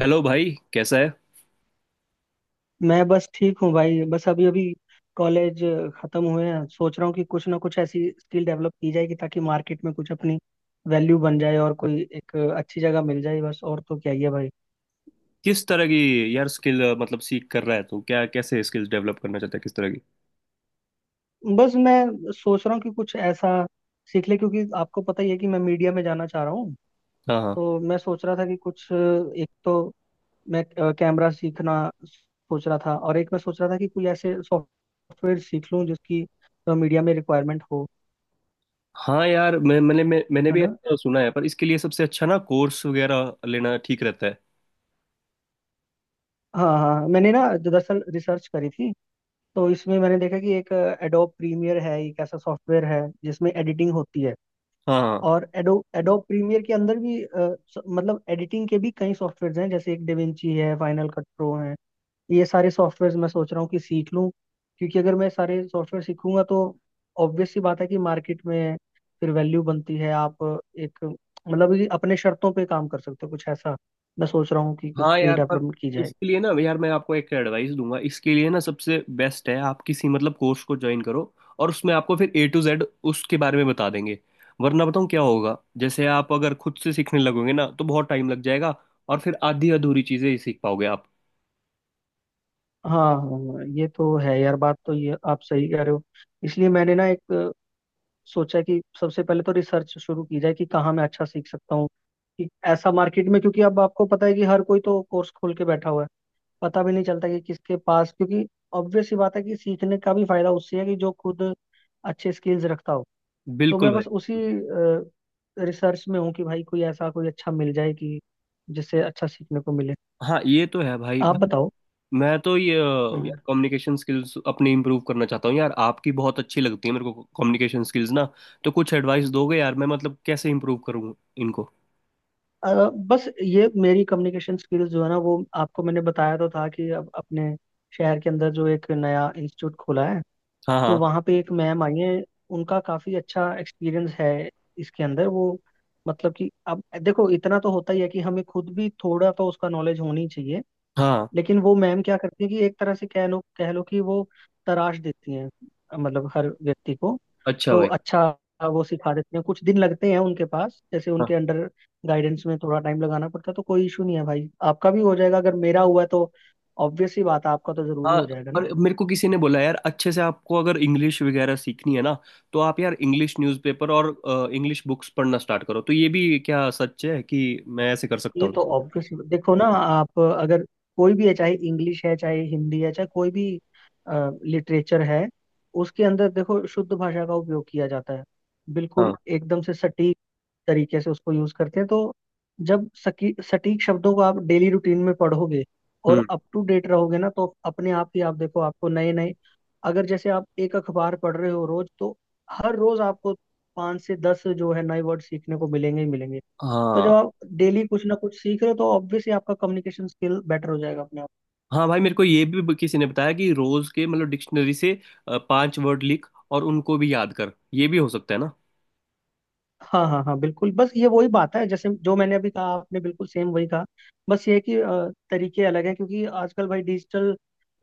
Hello भाई कैसा है? मैं बस ठीक हूँ भाई। बस अभी अभी कॉलेज खत्म हुए हैं। सोच रहा हूँ कि कुछ ना कुछ ऐसी स्किल डेवलप की जाएगी ताकि मार्केट में कुछ अपनी वैल्यू बन जाए और कोई एक अच्छी जगह मिल जाए। बस और तो क्या ही है भाई। किस तरह की? यार स्किल मतलब सीख कर रहा है तू? क्या कैसे स्किल्स डेवलप करना चाहता है? किस तरह की? बस मैं सोच रहा हूँ कि कुछ ऐसा सीख ले, क्योंकि आपको पता ही है कि मैं मीडिया में जाना चाह रहा हूँ। हाँ हाँ। तो मैं सोच रहा था कि कुछ एक तो मैं कैमरा सीखना सोच रहा था, और एक मैं सोच रहा था कि कोई ऐसे सॉफ्टवेयर सीख लूँ जिसकी मीडिया में रिक्वायरमेंट हो, हाँ यार मैंने है भी ना। ऐसा सुना है पर इसके लिए सबसे अच्छा ना कोर्स वगैरह लेना ठीक रहता है। हाँ हाँ हाँ। मैंने ना दरअसल रिसर्च करी थी, तो इसमें मैंने देखा कि एक एडोब प्रीमियर है, एक ऐसा सॉफ्टवेयर है जिसमें एडिटिंग होती है। हाँ हाँ और एडोब प्रीमियर के अंदर भी मतलब एडिटिंग के भी कई सॉफ्टवेयर हैं, जैसे एक डेविंची है, फाइनल कट प्रो है। ये सारे सॉफ्टवेयर मैं सोच रहा हूँ कि सीख लूँ, क्योंकि अगर मैं सारे सॉफ्टवेयर सीखूंगा तो ऑब्वियस सी बात है कि मार्केट में फिर वैल्यू बनती है। आप एक मतलब कि अपने शर्तों पे काम कर सकते हो। कुछ ऐसा मैं सोच रहा हूँ कि कुछ हाँ। स्किल यार पर डेवलपमेंट की जाए। इसके लिए ना यार मैं आपको एक एडवाइस दूंगा। इसके लिए ना सबसे बेस्ट है आप किसी मतलब कोर्स को ज्वाइन करो। और उसमें आपको फिर ए टू जेड उसके बारे में बता देंगे। वरना बताऊँ क्या होगा, जैसे आप अगर खुद से सीखने लगोगे ना तो बहुत टाइम लग जाएगा। और फिर आधी अधूरी चीजें ही सीख पाओगे आप। हाँ हाँ, ये तो है यार, बात तो ये आप सही कह रहे हो। इसलिए मैंने ना सोचा कि सबसे पहले तो रिसर्च शुरू की जाए कि कहाँ मैं अच्छा सीख सकता हूँ, कि ऐसा मार्केट में, क्योंकि अब आपको पता है कि हर कोई तो कोर्स खोल के बैठा हुआ है। पता भी नहीं चलता कि किसके पास, क्योंकि ऑब्वियस सी बात है कि सीखने का भी फायदा उससे है कि जो खुद अच्छे स्किल्स रखता हो। तो बिल्कुल मैं भाई। बस उसी रिसर्च में हूँ कि भाई कोई ऐसा कोई अच्छा मिल जाए कि जिससे अच्छा सीखने को मिले। हाँ ये तो है भाई आप भाई। बताओ। मैं तो ये हम्म। यार कम्युनिकेशन स्किल्स अपनी इंप्रूव करना चाहता हूँ। यार आपकी बहुत अच्छी लगती है मेरे को कम्युनिकेशन स्किल्स ना। तो कुछ एडवाइस दोगे यार? मैं मतलब कैसे इंप्रूव करूँ इनको? अ, बस ये मेरी कम्युनिकेशन स्किल्स जो है ना, वो आपको मैंने बताया तो था कि अब अपने शहर के अंदर जो एक नया इंस्टीट्यूट खुला है, हाँ तो हाँ वहाँ पे एक मैम आई है। उनका काफ़ी अच्छा एक्सपीरियंस है। इसके अंदर वो मतलब कि अब देखो, इतना तो होता ही है कि हमें खुद भी थोड़ा तो उसका नॉलेज होनी चाहिए, हाँ। लेकिन वो मैम क्या करती हैं कि एक तरह से कह लो कि वो तराश देती हैं, मतलब हर व्यक्ति को। अच्छा तो भाई। अच्छा, वो सिखा देती हैं। कुछ दिन लगते हैं उनके पास, जैसे हाँ उनके अंडर गाइडेंस में थोड़ा टाइम लगाना पड़ता है। तो कोई इशू नहीं है भाई, आपका भी हो जाएगा। अगर मेरा हुआ है तो ऑब्वियस सी बात है, आपका तो जरूरी हाँ। हो जाएगा ना। और मेरे को किसी ने बोला, यार अच्छे से आपको अगर इंग्लिश वगैरह सीखनी है ना, तो आप यार इंग्लिश न्यूज़पेपर और इंग्लिश बुक्स पढ़ना स्टार्ट करो। तो ये भी क्या सच है कि मैं ऐसे कर सकता ये हूँ? तो ऑब्वियस, देखो ना, आप अगर कोई भी है, चाहे इंग्लिश है, चाहे हिंदी है, चाहे कोई भी लिटरेचर है, उसके अंदर देखो शुद्ध भाषा का उपयोग किया जाता है। बिल्कुल हाँ। एकदम से सटीक तरीके से उसको यूज करते हैं। तो जब सकी सटीक शब्दों को आप डेली रूटीन में पढ़ोगे हम्म। और अप टू डेट रहोगे ना, तो अपने आप ही, आप देखो, आपको नए नए, अगर जैसे आप एक अखबार पढ़ रहे हो रोज, तो हर रोज आपको 5 से 10 जो है नए वर्ड सीखने को मिलेंगे ही मिलेंगे। तो जब हाँ। आप डेली कुछ ना कुछ सीख रहे हो तो ऑब्वियसली आपका कम्युनिकेशन स्किल बेटर हो जाएगा अपने आप। हाँ भाई, मेरे को ये भी किसी ने बताया कि रोज के मतलब डिक्शनरी से पांच वर्ड लिख और उनको भी याद कर। ये भी हो सकता है ना? हाँ हाँ हाँ बिल्कुल। बस ये वही बात है, जैसे जो मैंने अभी कहा, आपने बिल्कुल सेम वही कहा। बस ये है कि तरीके अलग हैं, क्योंकि आजकल भाई डिजिटल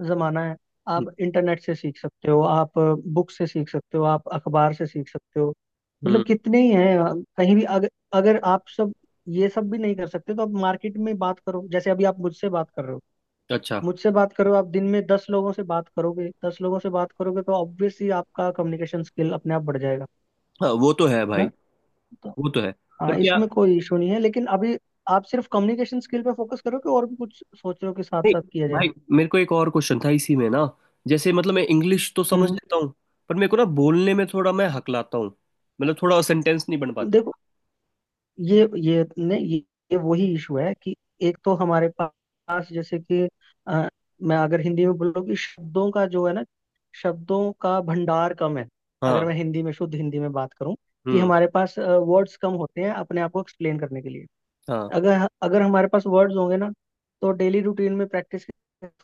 जमाना है। आप इंटरनेट से सीख सकते हो, आप बुक से सीख सकते हो, आप अखबार से सीख सकते हो, हम्म। मतलब कितने ही हैं। कहीं भी, अगर अगर आप सब ये सब भी नहीं कर सकते तो आप मार्केट में बात करो, जैसे अभी आप मुझसे बात कर रहे हो। अच्छा। मुझसे बात करो, आप दिन में 10 लोगों से बात करोगे, 10 लोगों से बात करोगे, तो ऑब्वियसली आपका कम्युनिकेशन स्किल अपने आप बढ़ जाएगा। हाँ, वो तो है है भाई। ना। तो वो तो है। पर हाँ, क्या? इसमें कोई इशू नहीं है, लेकिन अभी आप सिर्फ कम्युनिकेशन स्किल पे फोकस करोगे, और भी कुछ सोच रहे हो कि साथ नहीं साथ किया जाए। भाई। मेरे को एक और क्वेश्चन था इसी में ना। जैसे मतलब मैं इंग्लिश तो हम्म समझ हम्म। लेता हूँ। पर मेरे को ना बोलने में थोड़ा मैं हकलाता हूँ। मतलब थोड़ा सेंटेंस नहीं बन पाते। देखो, ये नहीं ये, ये वही इशू है कि एक तो हमारे पास, जैसे कि अ, मैं अगर हिंदी में बोलूँ कि शब्दों का जो है ना, शब्दों का भंडार कम है। अगर हाँ। मैं हिंदी में, शुद्ध हिंदी में बात करूँ कि हम्म। हमारे पास वर्ड्स कम होते हैं अपने आप को एक्सप्लेन करने के लिए। हाँ अगर अगर हमारे पास वर्ड्स होंगे ना, तो डेली रूटीन में प्रैक्टिस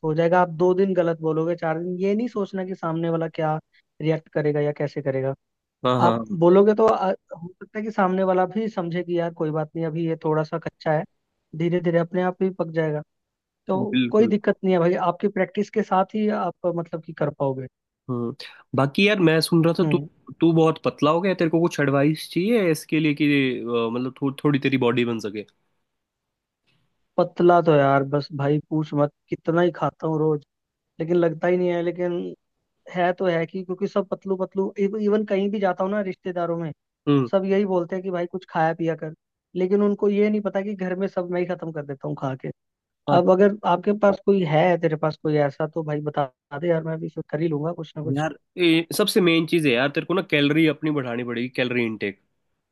हो जाएगा। आप 2 दिन गलत बोलोगे, 4 दिन, ये नहीं सोचना कि सामने वाला क्या रिएक्ट करेगा या कैसे करेगा। हाँ हाँ। आप हाँ, बोलोगे तो, हो सकता है कि सामने वाला भी समझे कि यार कोई बात नहीं, अभी ये थोड़ा सा कच्चा है, धीरे धीरे अपने आप ही पक जाएगा। तो कोई बिल्कुल। दिक्कत नहीं है भाई, आपकी प्रैक्टिस के साथ ही आप मतलब कि कर पाओगे। हम्म। बाकी यार मैं सुन रहा था तू। हम्म। तू बहुत पतला हो गया। तेरे को कुछ एडवाइस चाहिए इसके लिए कि मतलब थोड़ी तेरी बॉडी बन सके। पतला तो यार बस भाई पूछ मत, कितना ही खाता हूँ रोज, लेकिन लगता ही नहीं है। लेकिन है तो है कि, क्योंकि सब पतलू पतलू, इवन कहीं भी जाता हूँ ना रिश्तेदारों में, हम्म। सब यही बोलते हैं कि भाई कुछ खाया पिया कर। लेकिन उनको ये नहीं पता कि घर में सब मैं ही खत्म कर देता हूँ खा के। हाँ, अब अगर आपके पास कोई है, तेरे पास कोई ऐसा तो भाई बता दे यार, मैं भी फिर कर ही लूंगा कुछ ना कुछ। यार सबसे मेन चीज़ है यार। तेरे को ना कैलोरी अपनी बढ़ानी पड़ेगी। कैलोरी इनटेक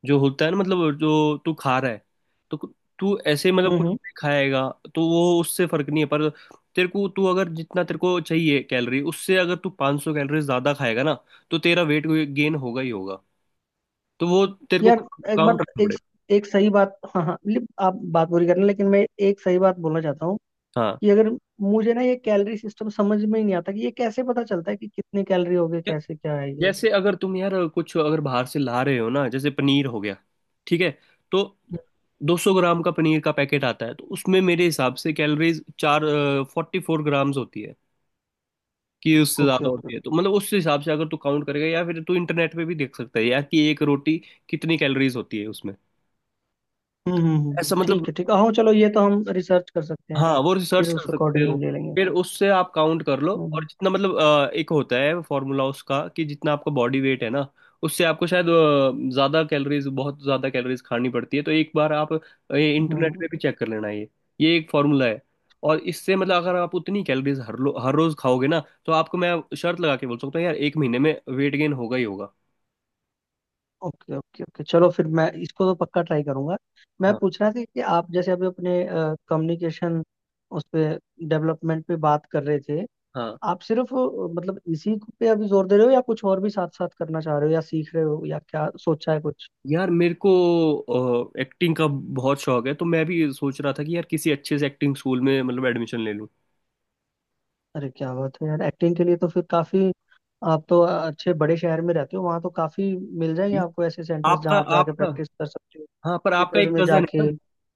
जो होता है ना, मतलब जो तू खा रहा है, तो तू ऐसे मतलब हम्म कुछ हम्म। भी खाएगा तो वो उससे फर्क नहीं है। पर तेरे को, तू अगर जितना तेरे को चाहिए कैलोरी उससे अगर तू 500 कैलोरी ज्यादा खाएगा ना तो तेरा वेट गेन होगा ही होगा। तो वो तेरे को यार एक बात काउंट रखना एक पड़ेगा। एक सही बात, हाँ हाँ मतलब आप बात पूरी करना, लेकिन मैं एक सही बात बोलना चाहता हूँ हाँ। कि अगर, मुझे ना ये कैलोरी सिस्टम समझ में ही नहीं आता कि ये कैसे पता चलता है कि कितने कैलोरी हो गए, कैसे क्या है ये। जैसे अगर तुम यार कुछ अगर बाहर से ला रहे हो ना, जैसे पनीर हो गया, ठीक है, तो 200 ग्राम का पनीर का पैकेट आता है तो उसमें मेरे हिसाब से कैलोरीज चार फोर्टी फोर ग्राम्स होती है। कि उससे ओके ज्यादा ओके। होती है, तो मतलब उस हिसाब से अगर तू काउंट करेगा या फिर तू इंटरनेट पे भी देख सकता है यार कि एक रोटी कितनी कैलोरीज होती है उसमें। ऐसा मतलब। ठीक है ठीक है, हाँ चलो, ये तो हम रिसर्च कर सकते हैं। हाँ, वो फिर रिसर्च उस कर सकते हो। अकॉर्डिंग ले लेंगे। फिर उससे आप काउंट कर लो और हम्म जितना मतलब एक होता है फॉर्मूला उसका कि जितना आपका बॉडी वेट है ना उससे आपको शायद ज्यादा कैलोरीज, बहुत ज्यादा कैलोरीज खानी पड़ती है। तो एक बार आप ये इंटरनेट हम्म। पे भी चेक कर लेना। ये एक फॉर्मूला है। और इससे मतलब अगर आप उतनी कैलोरीज हर लो हर रोज खाओगे ना तो आपको मैं शर्त लगा के बोल सकता हूँ यार एक महीने में वेट गेन होगा ही होगा। ओके ओके ओके, चलो फिर मैं इसको तो पक्का ट्राई करूंगा। मैं हाँ। पूछ रहा था कि आप जैसे अभी अपने कम्युनिकेशन, उस पे, डेवलपमेंट पे बात कर रहे थे, हाँ। आप सिर्फ मतलब इसी पे अभी जोर दे रहे हो या कुछ और भी साथ साथ करना चाह रहे हो या सीख रहे हो, या क्या सोचा है कुछ। यार मेरे को एक्टिंग का बहुत शौक है तो मैं भी सोच रहा था कि यार किसी अच्छे से एक्टिंग स्कूल में मतलब एडमिशन ले लूं। अरे क्या बात है यार, एक्टिंग के लिए तो फिर काफी, आप तो अच्छे बड़े शहर में रहते हो, वहां तो काफी मिल जाएंगे आपको ऐसे सेंटर्स आपका जहाँ आप जाके आपका प्रैक्टिस कर सकते हो, हाँ, पर आपका थिएटर्स एक में कजन है जाके। ना।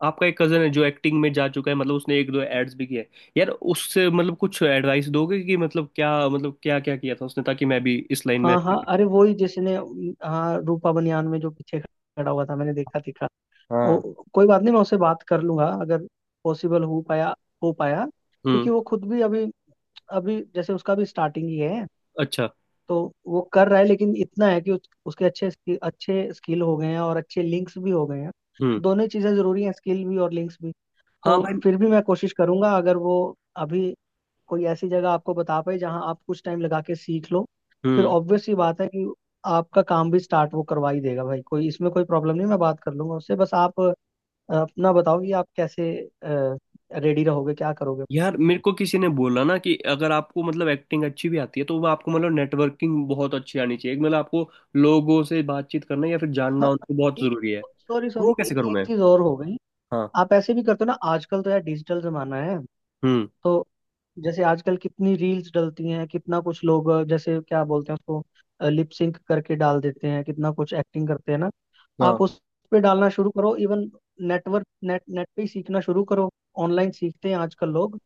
आपका एक कजन है जो एक्टिंग में जा चुका है, मतलब उसने एक दो एड्स भी किया है। यार उससे मतलब कुछ एडवाइस दोगे कि मतलब क्या, मतलब क्या क्या किया था उसने, ताकि मैं भी इस लाइन में हाँ हाँ, अच्छा अरे वो ही जिसने, हाँ रूपा बनियान में जो पीछे खड़ा हुआ था, मैंने देखा दिखा। करूं। हाँ। वो कोई बात नहीं, मैं उससे बात कर लूंगा अगर पॉसिबल हो पाया हो पाया, हम्म। क्योंकि वो खुद भी अभी अभी, जैसे उसका भी स्टार्टिंग ही है। अच्छा। तो वो कर रहा है, लेकिन इतना है कि उसके अच्छे स्किल, अच्छे स्किल हो गए हैं, और अच्छे लिंक्स भी हो गए हैं। हम्म। दोनों ही चीजें जरूरी हैं, स्किल भी और लिंक्स भी। तो हाँ भाई। फिर भी मैं कोशिश करूंगा, अगर वो अभी कोई ऐसी जगह आपको बता पाए जहाँ आप कुछ टाइम लगा के सीख लो, फिर हम्म। ऑब्वियस सी बात है कि आपका काम भी स्टार्ट वो करवा ही देगा भाई, कोई इसमें कोई प्रॉब्लम नहीं, मैं बात कर लूंगा उससे। बस आप अपना बताओ कि आप कैसे रेडी रहोगे, क्या करोगे। यार मेरे को किसी ने बोला ना कि अगर आपको मतलब एक्टिंग अच्छी भी आती है तो वो आपको मतलब नेटवर्किंग बहुत अच्छी आनी चाहिए, मतलब आपको लोगों से बातचीत करना या फिर जानना हाँ, उनको बहुत एक, जरूरी है। सॉरी वो सॉरी, कैसे करूँ एक मैं? चीज और हो गई। हाँ। आप ऐसे भी करते हो ना, आजकल तो यार डिजिटल जमाना है, हम्म। तो जैसे आजकल कितनी रील्स डलती हैं, कितना कुछ लोग, जैसे क्या बोलते हैं उसको, लिप सिंक करके डाल देते हैं, कितना कुछ एक्टिंग करते हैं ना। हाँ आप उस पे डालना शुरू करो, इवन नेट पे ही सीखना शुरू करो, ऑनलाइन सीखते हैं आजकल लोग।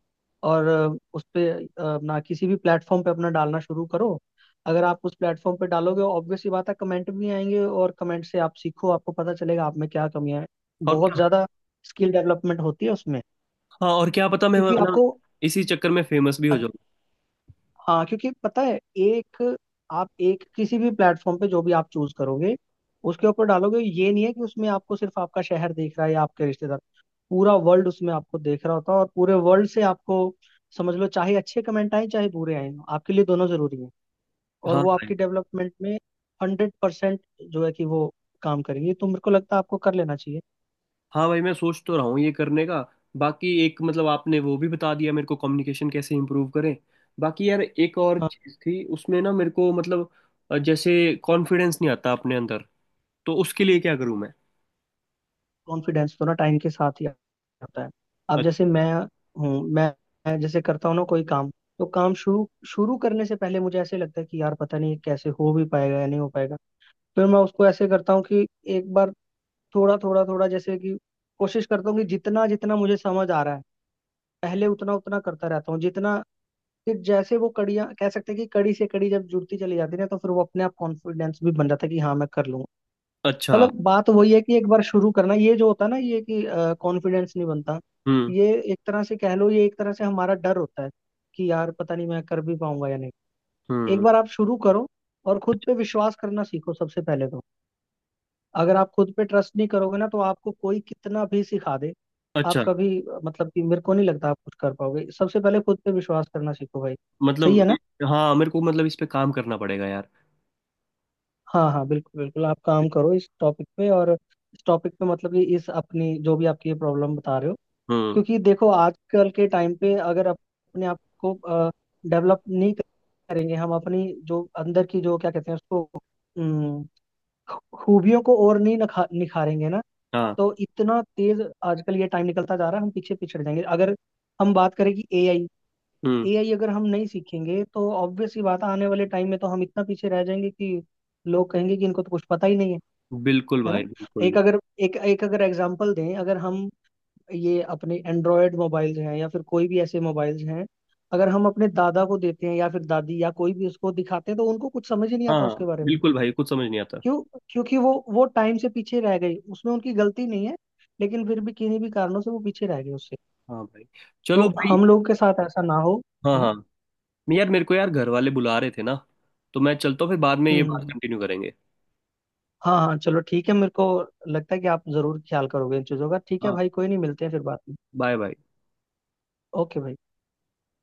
और उस पे, अपना किसी भी प्लेटफॉर्म पे अपना डालना शुरू करो। अगर आप उस प्लेटफॉर्म पे डालोगे, ऑब्वियस सी बात है कमेंट भी आएंगे, और कमेंट से आप सीखो, आपको पता चलेगा आप में क्या कमियां हैं। और बहुत ज्यादा स्किल डेवलपमेंट होती है उसमें, हाँ और क्या पता, मैं क्योंकि मतलब आपको, इसी चक्कर में फेमस भी हो जाऊँ। हाँ, क्योंकि पता है एक, आप एक किसी भी प्लेटफॉर्म पे जो भी आप चूज करोगे, उसके ऊपर डालोगे, ये नहीं है कि उसमें आपको सिर्फ आपका शहर दिख रहा है या आपके रिश्तेदार, पूरा वर्ल्ड उसमें आपको देख रहा होता है, और पूरे वर्ल्ड से आपको, समझ लो, चाहे अच्छे कमेंट आए, चाहे बुरे आए, आपके लिए दोनों जरूरी है, और हाँ वो भाई। आपकी डेवलपमेंट में 100% जो है कि वो काम करेंगे। तो मेरे को लगता है आपको कर लेना चाहिए। हाँ भाई मैं सोच तो रहा हूँ ये करने का। बाकी एक मतलब आपने वो भी बता दिया मेरे को, कम्युनिकेशन कैसे इम्प्रूव करें। बाकी यार एक और चीज़ थी उसमें ना, मेरे को मतलब जैसे कॉन्फिडेंस नहीं आता अपने अंदर। तो उसके लिए क्या करूँ मैं? कॉन्फिडेंस तो ना टाइम के साथ ही आता है। अब अ- जैसे हूँ मैं मैं जैसे करता हूँ ना कोई काम, तो काम शुरू शुरू करने से पहले मुझे ऐसे लगता है कि यार पता नहीं ये कैसे हो भी पाएगा या नहीं हो पाएगा। फिर मैं उसको ऐसे करता हूँ कि एक बार थोड़ा थोड़ा थोड़ा, जैसे कि कोशिश करता हूँ कि जितना जितना मुझे समझ आ रहा है, पहले उतना उतना करता रहता हूँ, जितना फिर, जैसे वो कड़ियाँ कह सकते हैं कि कड़ी से कड़ी जब जुड़ती चली जाती है ना, तो फिर वो अपने आप कॉन्फिडेंस भी बन जाता है कि हाँ मैं कर लूंगा। अच्छा। मतलब बात वही है कि एक बार शुरू करना, ये जो होता है ना, ये कि कॉन्फिडेंस नहीं बनता, हम्म। ये एक तरह से कह लो, ये एक तरह से हमारा डर होता है कि यार पता नहीं मैं कर भी पाऊंगा या नहीं। एक हम्म। बार आप शुरू करो, और खुद पे विश्वास करना सीखो सबसे पहले तो। अगर आप खुद पे ट्रस्ट नहीं करोगे ना, तो आपको कोई कितना भी सिखा दे, आप अच्छा। कभी मतलब कि मेरे को नहीं लगता आप कुछ कर पाओगे। सबसे पहले खुद पे विश्वास करना सीखो भाई, सही मतलब। है ना। हाँ, मेरे को मतलब इस पे काम करना पड़ेगा यार। हाँ हाँ बिल्कुल बिल्कुल, आप काम करो इस टॉपिक पे, और इस टॉपिक पे मतलब कि इस अपनी, जो भी आपकी ये प्रॉब्लम बता रहे हो, हम्म। क्योंकि देखो आजकल के टाइम पे अगर अपने आप को डेवलप नहीं करेंगे हम, अपनी जो अंदर की जो क्या कहते हैं उसको, अम, खूबियों को, और नहीं निखारेंगे ना, हाँ। तो इतना तेज आजकल ये टाइम निकलता जा रहा है, हम पीछे पिछड़ जाएंगे। अगर हम बात करें कि एआई, हम्म। एआई अगर हम नहीं सीखेंगे तो ऑब्वियस सी बात है, आने वाले टाइम में तो हम इतना पीछे रह जाएंगे कि लोग कहेंगे कि इनको तो कुछ पता ही नहीं है। बिल्कुल है भाई, ना। बिल्कुल। एक अगर एक एक अगर एग्जांपल दें, अगर हम ये अपने एंड्रॉयड मोबाइल्स हैं या फिर कोई भी ऐसे मोबाइल्स हैं, अगर हम अपने दादा को देते हैं या फिर दादी, या कोई भी उसको दिखाते हैं, तो उनको कुछ समझ ही नहीं आता हाँ। उसके बारे में। बिल्कुल भाई, कुछ समझ नहीं आता। क्यों? क्योंकि वो टाइम से पीछे रह गई, उसमें उनकी गलती नहीं है, लेकिन फिर भी किन्हीं भी कारणों से वो पीछे रह गए उससे। हाँ भाई। तो चलो भाई। हम लोगों के साथ ऐसा ना हो, हाँ है ना। हाँ। मैं यार, मेरे को यार घर वाले बुला रहे थे ना, तो मैं चलता हूँ, फिर बाद में हम्म ये हम्म, बात हम्म। कंटिन्यू करेंगे। हाँ हाँ चलो ठीक है, मेरे को लगता है कि आप जरूर ख्याल करोगे इन चीजों का। ठीक है हाँ। भाई, कोई नहीं, मिलते हैं फिर बात में। Bye bye. ओके भाई।